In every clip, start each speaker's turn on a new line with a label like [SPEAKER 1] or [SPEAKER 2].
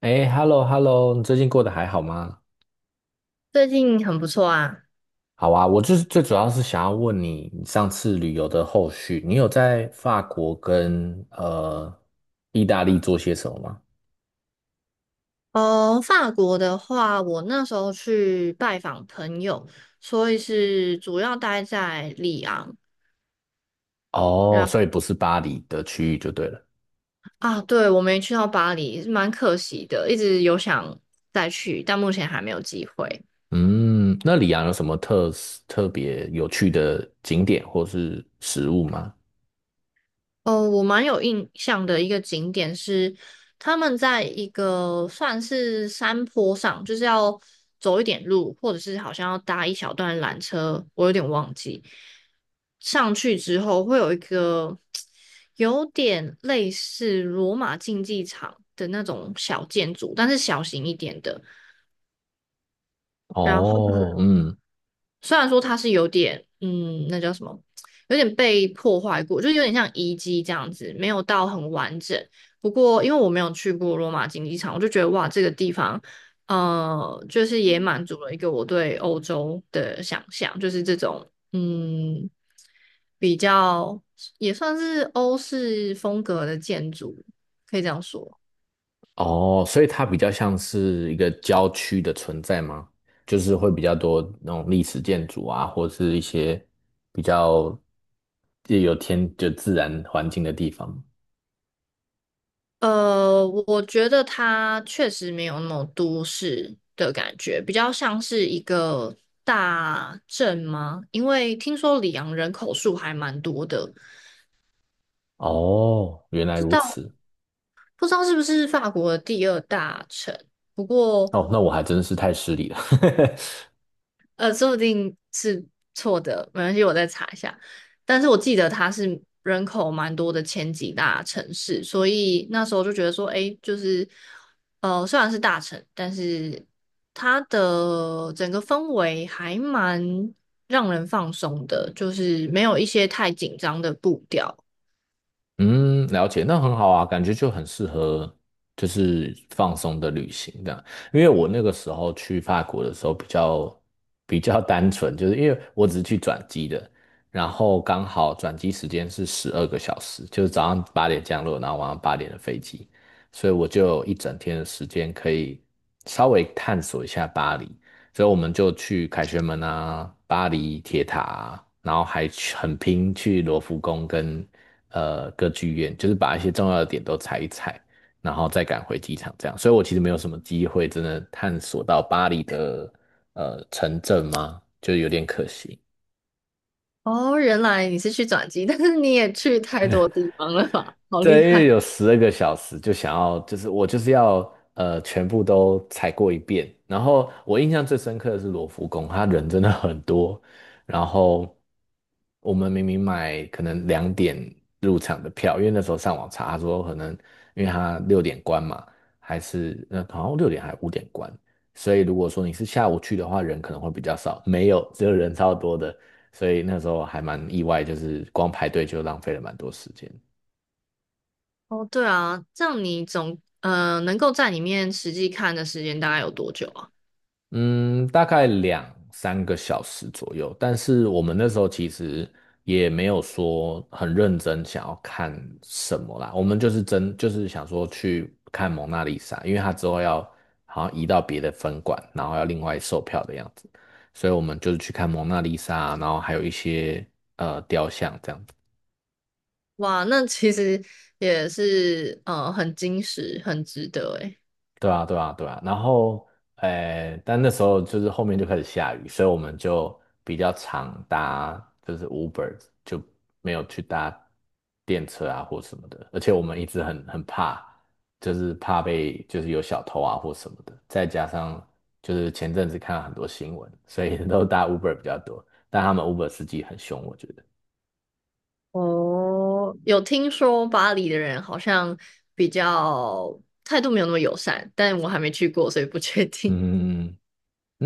[SPEAKER 1] 哎，hello，hello，你最近过得还好吗？
[SPEAKER 2] 最近很不错啊。
[SPEAKER 1] 好啊，我就是最主要是想要问你，你上次旅游的后续，你有在法国跟意大利做些什么吗？
[SPEAKER 2] 哦，法国的话，我那时候去拜访朋友，所以是主要待在里昂。
[SPEAKER 1] 哦，
[SPEAKER 2] 然
[SPEAKER 1] 所以不是巴黎的区域就对了。
[SPEAKER 2] 啊，对，我没去到巴黎，蛮可惜的，一直有想再去，但目前还没有机会。
[SPEAKER 1] 嗯，那里昂有什么特别有趣的景点或是食物吗？
[SPEAKER 2] 哦，我蛮有印象的一个景点是，他们在一个算是山坡上，就是要走一点路，或者是好像要搭一小段缆车，我有点忘记。上去之后会有一个有点类似罗马竞技场的那种小建筑，但是小型一点的。然后
[SPEAKER 1] 哦，嗯。
[SPEAKER 2] 虽然说它是有点，那叫什么，有点被破坏过，就是有点像遗迹这样子，没有到很完整。不过因为我没有去过罗马竞技场，我就觉得哇，这个地方，就是也满足了一个我对欧洲的想象，就是这种，比较也算是欧式风格的建筑，可以这样说。
[SPEAKER 1] 哦，所以它比较像是一个郊区的存在吗？就是会比较多那种历史建筑啊，或是一些比较也有天就自然环境的地方。
[SPEAKER 2] 我觉得它确实没有那种都市的感觉，比较像是一个大镇吗？因为听说里昂人口数还蛮多的，
[SPEAKER 1] 哦，原来
[SPEAKER 2] 知
[SPEAKER 1] 如
[SPEAKER 2] 道
[SPEAKER 1] 此。
[SPEAKER 2] 不知道是不是法国的第二大城。不过
[SPEAKER 1] 哦，那我还真是太失礼了。
[SPEAKER 2] 说不定是错的，没关系，我再查一下。但是我记得它是人口蛮多的前几大城市，所以那时候就觉得说，诶，就是,虽然是大城，但是它的整个氛围还蛮让人放松的，就是没有一些太紧张的步调。
[SPEAKER 1] 嗯，了解，那很好啊，感觉就很适合，就是放松的旅行这样。因为我那个时候去法国的时候比较单纯，就是因为我只是去转机的，然后刚好转机时间是十二个小时，就是早上八点降落，然后晚上八点的飞机，所以我就有一整天的时间可以稍微探索一下巴黎。所以我们就去凯旋门啊、巴黎铁塔啊，然后还去很拼去罗浮宫跟歌剧院，就是把一些重要的点都踩一踩，然后再赶回机场这样。所以我其实没有什么机会真的探索到巴黎的城镇嘛，就有点可惜。
[SPEAKER 2] 哦，原来你是去转机，但是你也去太多地方了吧？好厉
[SPEAKER 1] 对，因为
[SPEAKER 2] 害！
[SPEAKER 1] 有十二个小时，就想要，就是我就是要全部都踩过一遍。然后我印象最深刻的是罗浮宫，它人真的很多。然后我们明明买可能2点入场的票，因为那时候上网查，他说可能因为他六点关嘛，还是那好像六点还5点关，所以如果说你是下午去的话，人可能会比较少。没有，只有人超多的，所以那时候还蛮意外，就是光排队就浪费了蛮多时间。
[SPEAKER 2] 哦，对啊，这样你总能够在里面实际看的时间大概有多久啊？
[SPEAKER 1] 嗯，大概两三个小时左右，但是我们那时候其实也没有说很认真想要看什么啦，我们就是真就是想说去看蒙娜丽莎，因为它之后要好像移到别的分馆，然后要另外售票的样子，所以我们就是去看蒙娜丽莎啊，然后还有一些雕像这样子。
[SPEAKER 2] 哇，那其实也是很精实，很值得诶。
[SPEAKER 1] 对啊，对啊，对啊。然后，诶，但那时候就是后面就开始下雨，所以我们就比较常搭就是 Uber，就没有去搭电车啊或什么的。而且我们一直很怕，就是怕被就是有小偷啊或什么的。再加上就是前阵子看了很多新闻，所以 都搭 Uber 比较多。但他们 Uber 司机很凶，我觉得。
[SPEAKER 2] 哦，有听说巴黎的人好像比较态度没有那么友善，但我还没去过，所以不确定。
[SPEAKER 1] 嗯嗯嗯。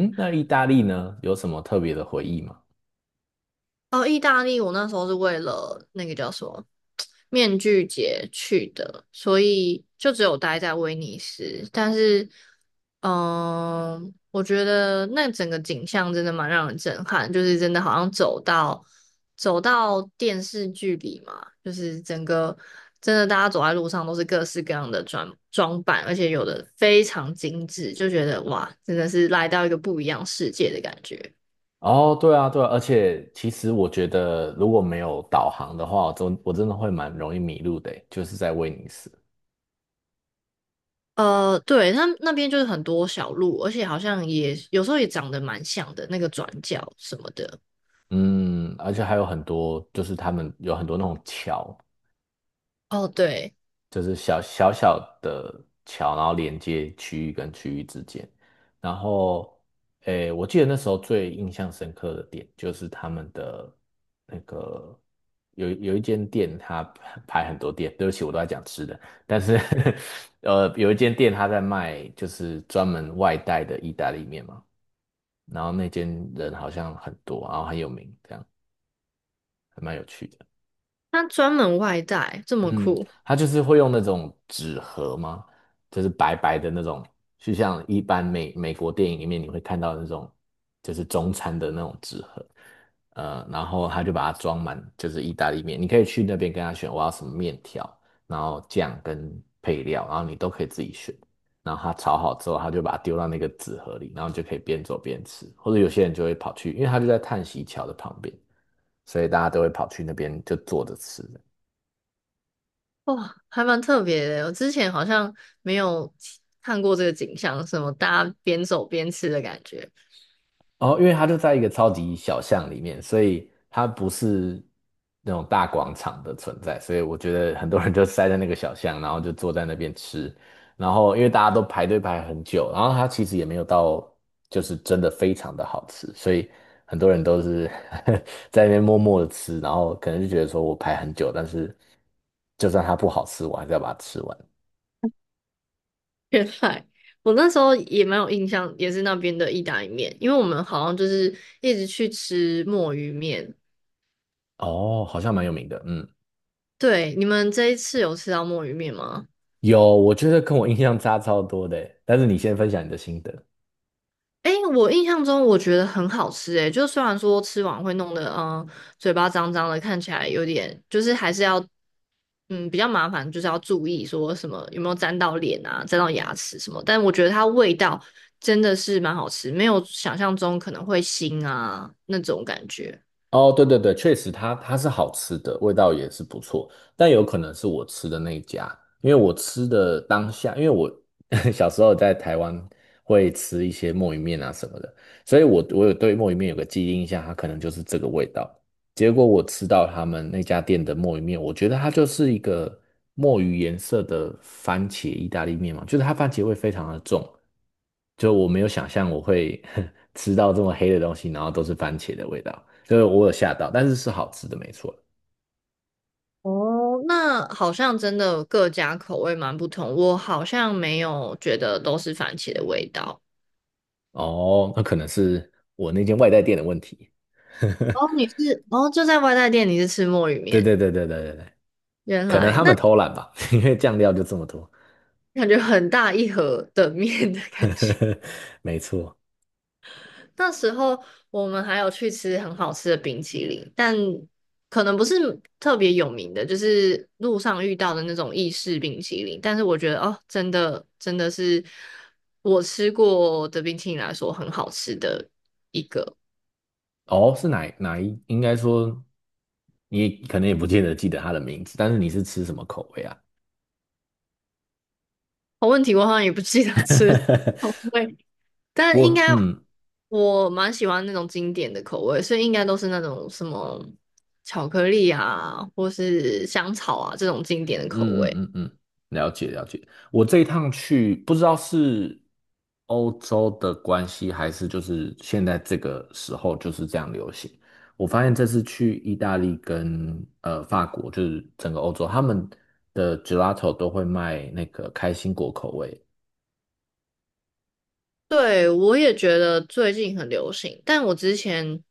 [SPEAKER 1] 嗯，那意大利呢，有什么特别的回忆吗？
[SPEAKER 2] 哦，意大利，我那时候是为了那个叫什么面具节去的，所以就只有待在威尼斯。但是，我觉得那整个景象真的蛮让人震撼，就是真的好像走到电视剧里嘛，就是整个真的大家走在路上都是各式各样的装装扮，而且有的非常精致，就觉得哇，真的是来到一个不一样世界的感觉。
[SPEAKER 1] 哦，对啊，对啊，而且其实我觉得，如果没有导航的话，我真的会蛮容易迷路的欸就是在威尼斯。
[SPEAKER 2] 对，它那边就是很多小路，而且好像也有时候也长得蛮像的，那个转角什么的。
[SPEAKER 1] 嗯，而且还有很多，就是他们有很多那种桥，
[SPEAKER 2] 哦，对，
[SPEAKER 1] 就是小小的桥，然后连接区域跟区域之间。然后，诶，我记得那时候最印象深刻的点就是他们的那个有一间店，它排很多店。对不起，我都在讲吃的，但是 有一间店他在卖就是专门外带的意大利面嘛，然后那间人好像很多，然后很有名，这样还蛮有趣的。
[SPEAKER 2] 他专门外带，这么
[SPEAKER 1] 嗯，
[SPEAKER 2] 酷，
[SPEAKER 1] 他就是会用那种纸盒吗？就是白白的那种，就像一般美国电影里面你会看到的那种，就是中餐的那种纸盒。然后他就把它装满，就是意大利面。你可以去那边跟他选我要什么面条，然后酱跟配料，然后你都可以自己选。然后他炒好之后，他就把它丢到那个纸盒里，然后你就可以边走边吃。或者有些人就会跑去，因为他就在叹息桥的旁边，所以大家都会跑去那边就坐着吃。
[SPEAKER 2] 哇，还蛮特别的。我之前好像没有看过这个景象，什么大家边走边吃的感觉。
[SPEAKER 1] 哦，因为它就在一个超级小巷里面，所以它不是那种大广场的存在，所以我觉得很多人就塞在那个小巷，然后就坐在那边吃，然后因为大家都排队排很久，然后它其实也没有到就是真的非常的好吃，所以很多人都是 在那边默默的吃，然后可能就觉得说我排很久，但是就算它不好吃，我还是要把它吃完。
[SPEAKER 2] 原来我那时候也蛮有印象，也是那边的意大利面，因为我们好像就是一直去吃墨鱼面。
[SPEAKER 1] 哦，好像蛮有名的，嗯，
[SPEAKER 2] 对，你们这一次有吃到墨鱼面吗？
[SPEAKER 1] 有，我觉得跟我印象差超多的欸，但是你先分享你的心得。
[SPEAKER 2] 诶，我印象中我觉得很好吃诶，就虽然说吃完会弄得嘴巴脏脏的，看起来有点就是还是要比较麻烦，就是要注意说什么有没有沾到脸啊、沾到牙齿什么，但我觉得它味道真的是蛮好吃，没有想象中可能会腥啊那种感觉。
[SPEAKER 1] 哦，对对对，确实它是好吃的，味道也是不错，但有可能是我吃的那一家，因为我吃的当下，因为我 小时候在台湾会吃一些墨鱼面啊什么的，所以我有对墨鱼面有个记忆印象，它可能就是这个味道。结果我吃到他们那家店的墨鱼面，我觉得它就是一个墨鱼颜色的番茄意大利面嘛，就是它番茄味非常的重，就我没有想象我会 吃到这么黑的东西，然后都是番茄的味道。所以我有吓到，但是是好吃的，没错。
[SPEAKER 2] 哦，那好像真的各家口味蛮不同，我好像没有觉得都是番茄的味道。
[SPEAKER 1] 哦，那可能是我那间外带店的问题。
[SPEAKER 2] 哦，你是哦就在外带店，你是吃墨鱼
[SPEAKER 1] 对
[SPEAKER 2] 面，
[SPEAKER 1] 对对对对对对，
[SPEAKER 2] 原
[SPEAKER 1] 可能
[SPEAKER 2] 来
[SPEAKER 1] 他们
[SPEAKER 2] 那。
[SPEAKER 1] 偷懒吧，因为酱料就这么多。
[SPEAKER 2] 感觉很大一盒的面的感觉。
[SPEAKER 1] 没错。
[SPEAKER 2] 那时候我们还有去吃很好吃的冰淇淋，但可能不是特别有名的，就是路上遇到的那种意式冰淇淋。但是我觉得哦，真的真的是我吃过的冰淇淋来说很好吃的一个。
[SPEAKER 1] 哦，是哪一？应该说你可能也不见得记得它的名字，但是你是吃什么口味啊？
[SPEAKER 2] 好问题我好像也不记得吃什么 味但应该
[SPEAKER 1] 我嗯，
[SPEAKER 2] 我蛮喜欢那种经典的口味，所以应该都是那种什么巧克力啊，或是香草啊这种经典的口
[SPEAKER 1] 嗯
[SPEAKER 2] 味。
[SPEAKER 1] 嗯嗯嗯，了解了解。我这一趟去，不知道是欧洲的关系，还是就是现在这个时候就是这样流行。我发现这次去意大利跟法国，就是整个欧洲，他们的 gelato 都会卖那个开心果口味，
[SPEAKER 2] 对，我也觉得最近很流行，但我之前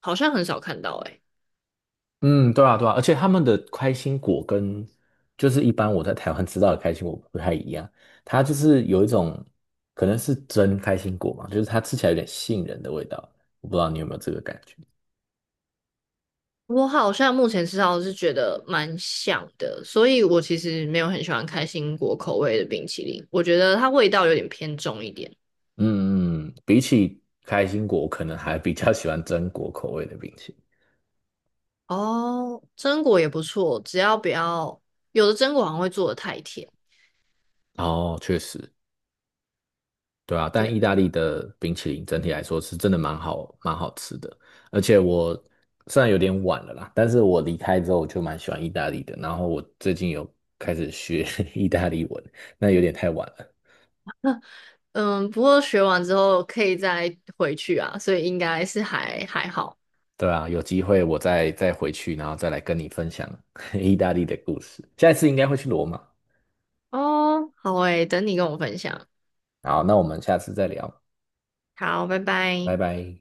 [SPEAKER 2] 好像很少看到诶、
[SPEAKER 1] 嗯，对啊，对啊，而且他们的开心果跟就是一般我在台湾吃到的开心果不太一样，它就是有一种可能是真开心果嘛，就是它吃起来有点杏仁的味道，我不知道你有没有这个感觉。
[SPEAKER 2] 我好像目前吃到的是觉得蛮像的，所以我其实没有很喜欢开心果口味的冰淇淋，我觉得它味道有点偏重一点。
[SPEAKER 1] 嗯嗯，比起开心果，我可能还比较喜欢榛果口味的冰淇淋。
[SPEAKER 2] 哦，榛果也不错，只要不要，有的榛果好像会做的太甜。
[SPEAKER 1] 哦，确实，对啊，但
[SPEAKER 2] 对。
[SPEAKER 1] 意大利的冰淇淋整体来说是真的蛮好，蛮好吃的。而且我虽然有点晚了啦，但是我离开之后我就蛮喜欢意大利的。然后我最近有开始学 意大利文，那有点太晚了。
[SPEAKER 2] 嗯，不过学完之后可以再回去啊，所以应该是还还好。
[SPEAKER 1] 对啊，有机会我再回去，然后再来跟你分享 意大利的故事。下一次应该会去罗马。
[SPEAKER 2] 哦，好诶，等你跟我分享。
[SPEAKER 1] 好，那我们下次再聊，
[SPEAKER 2] 好，拜
[SPEAKER 1] 拜
[SPEAKER 2] 拜。
[SPEAKER 1] 拜。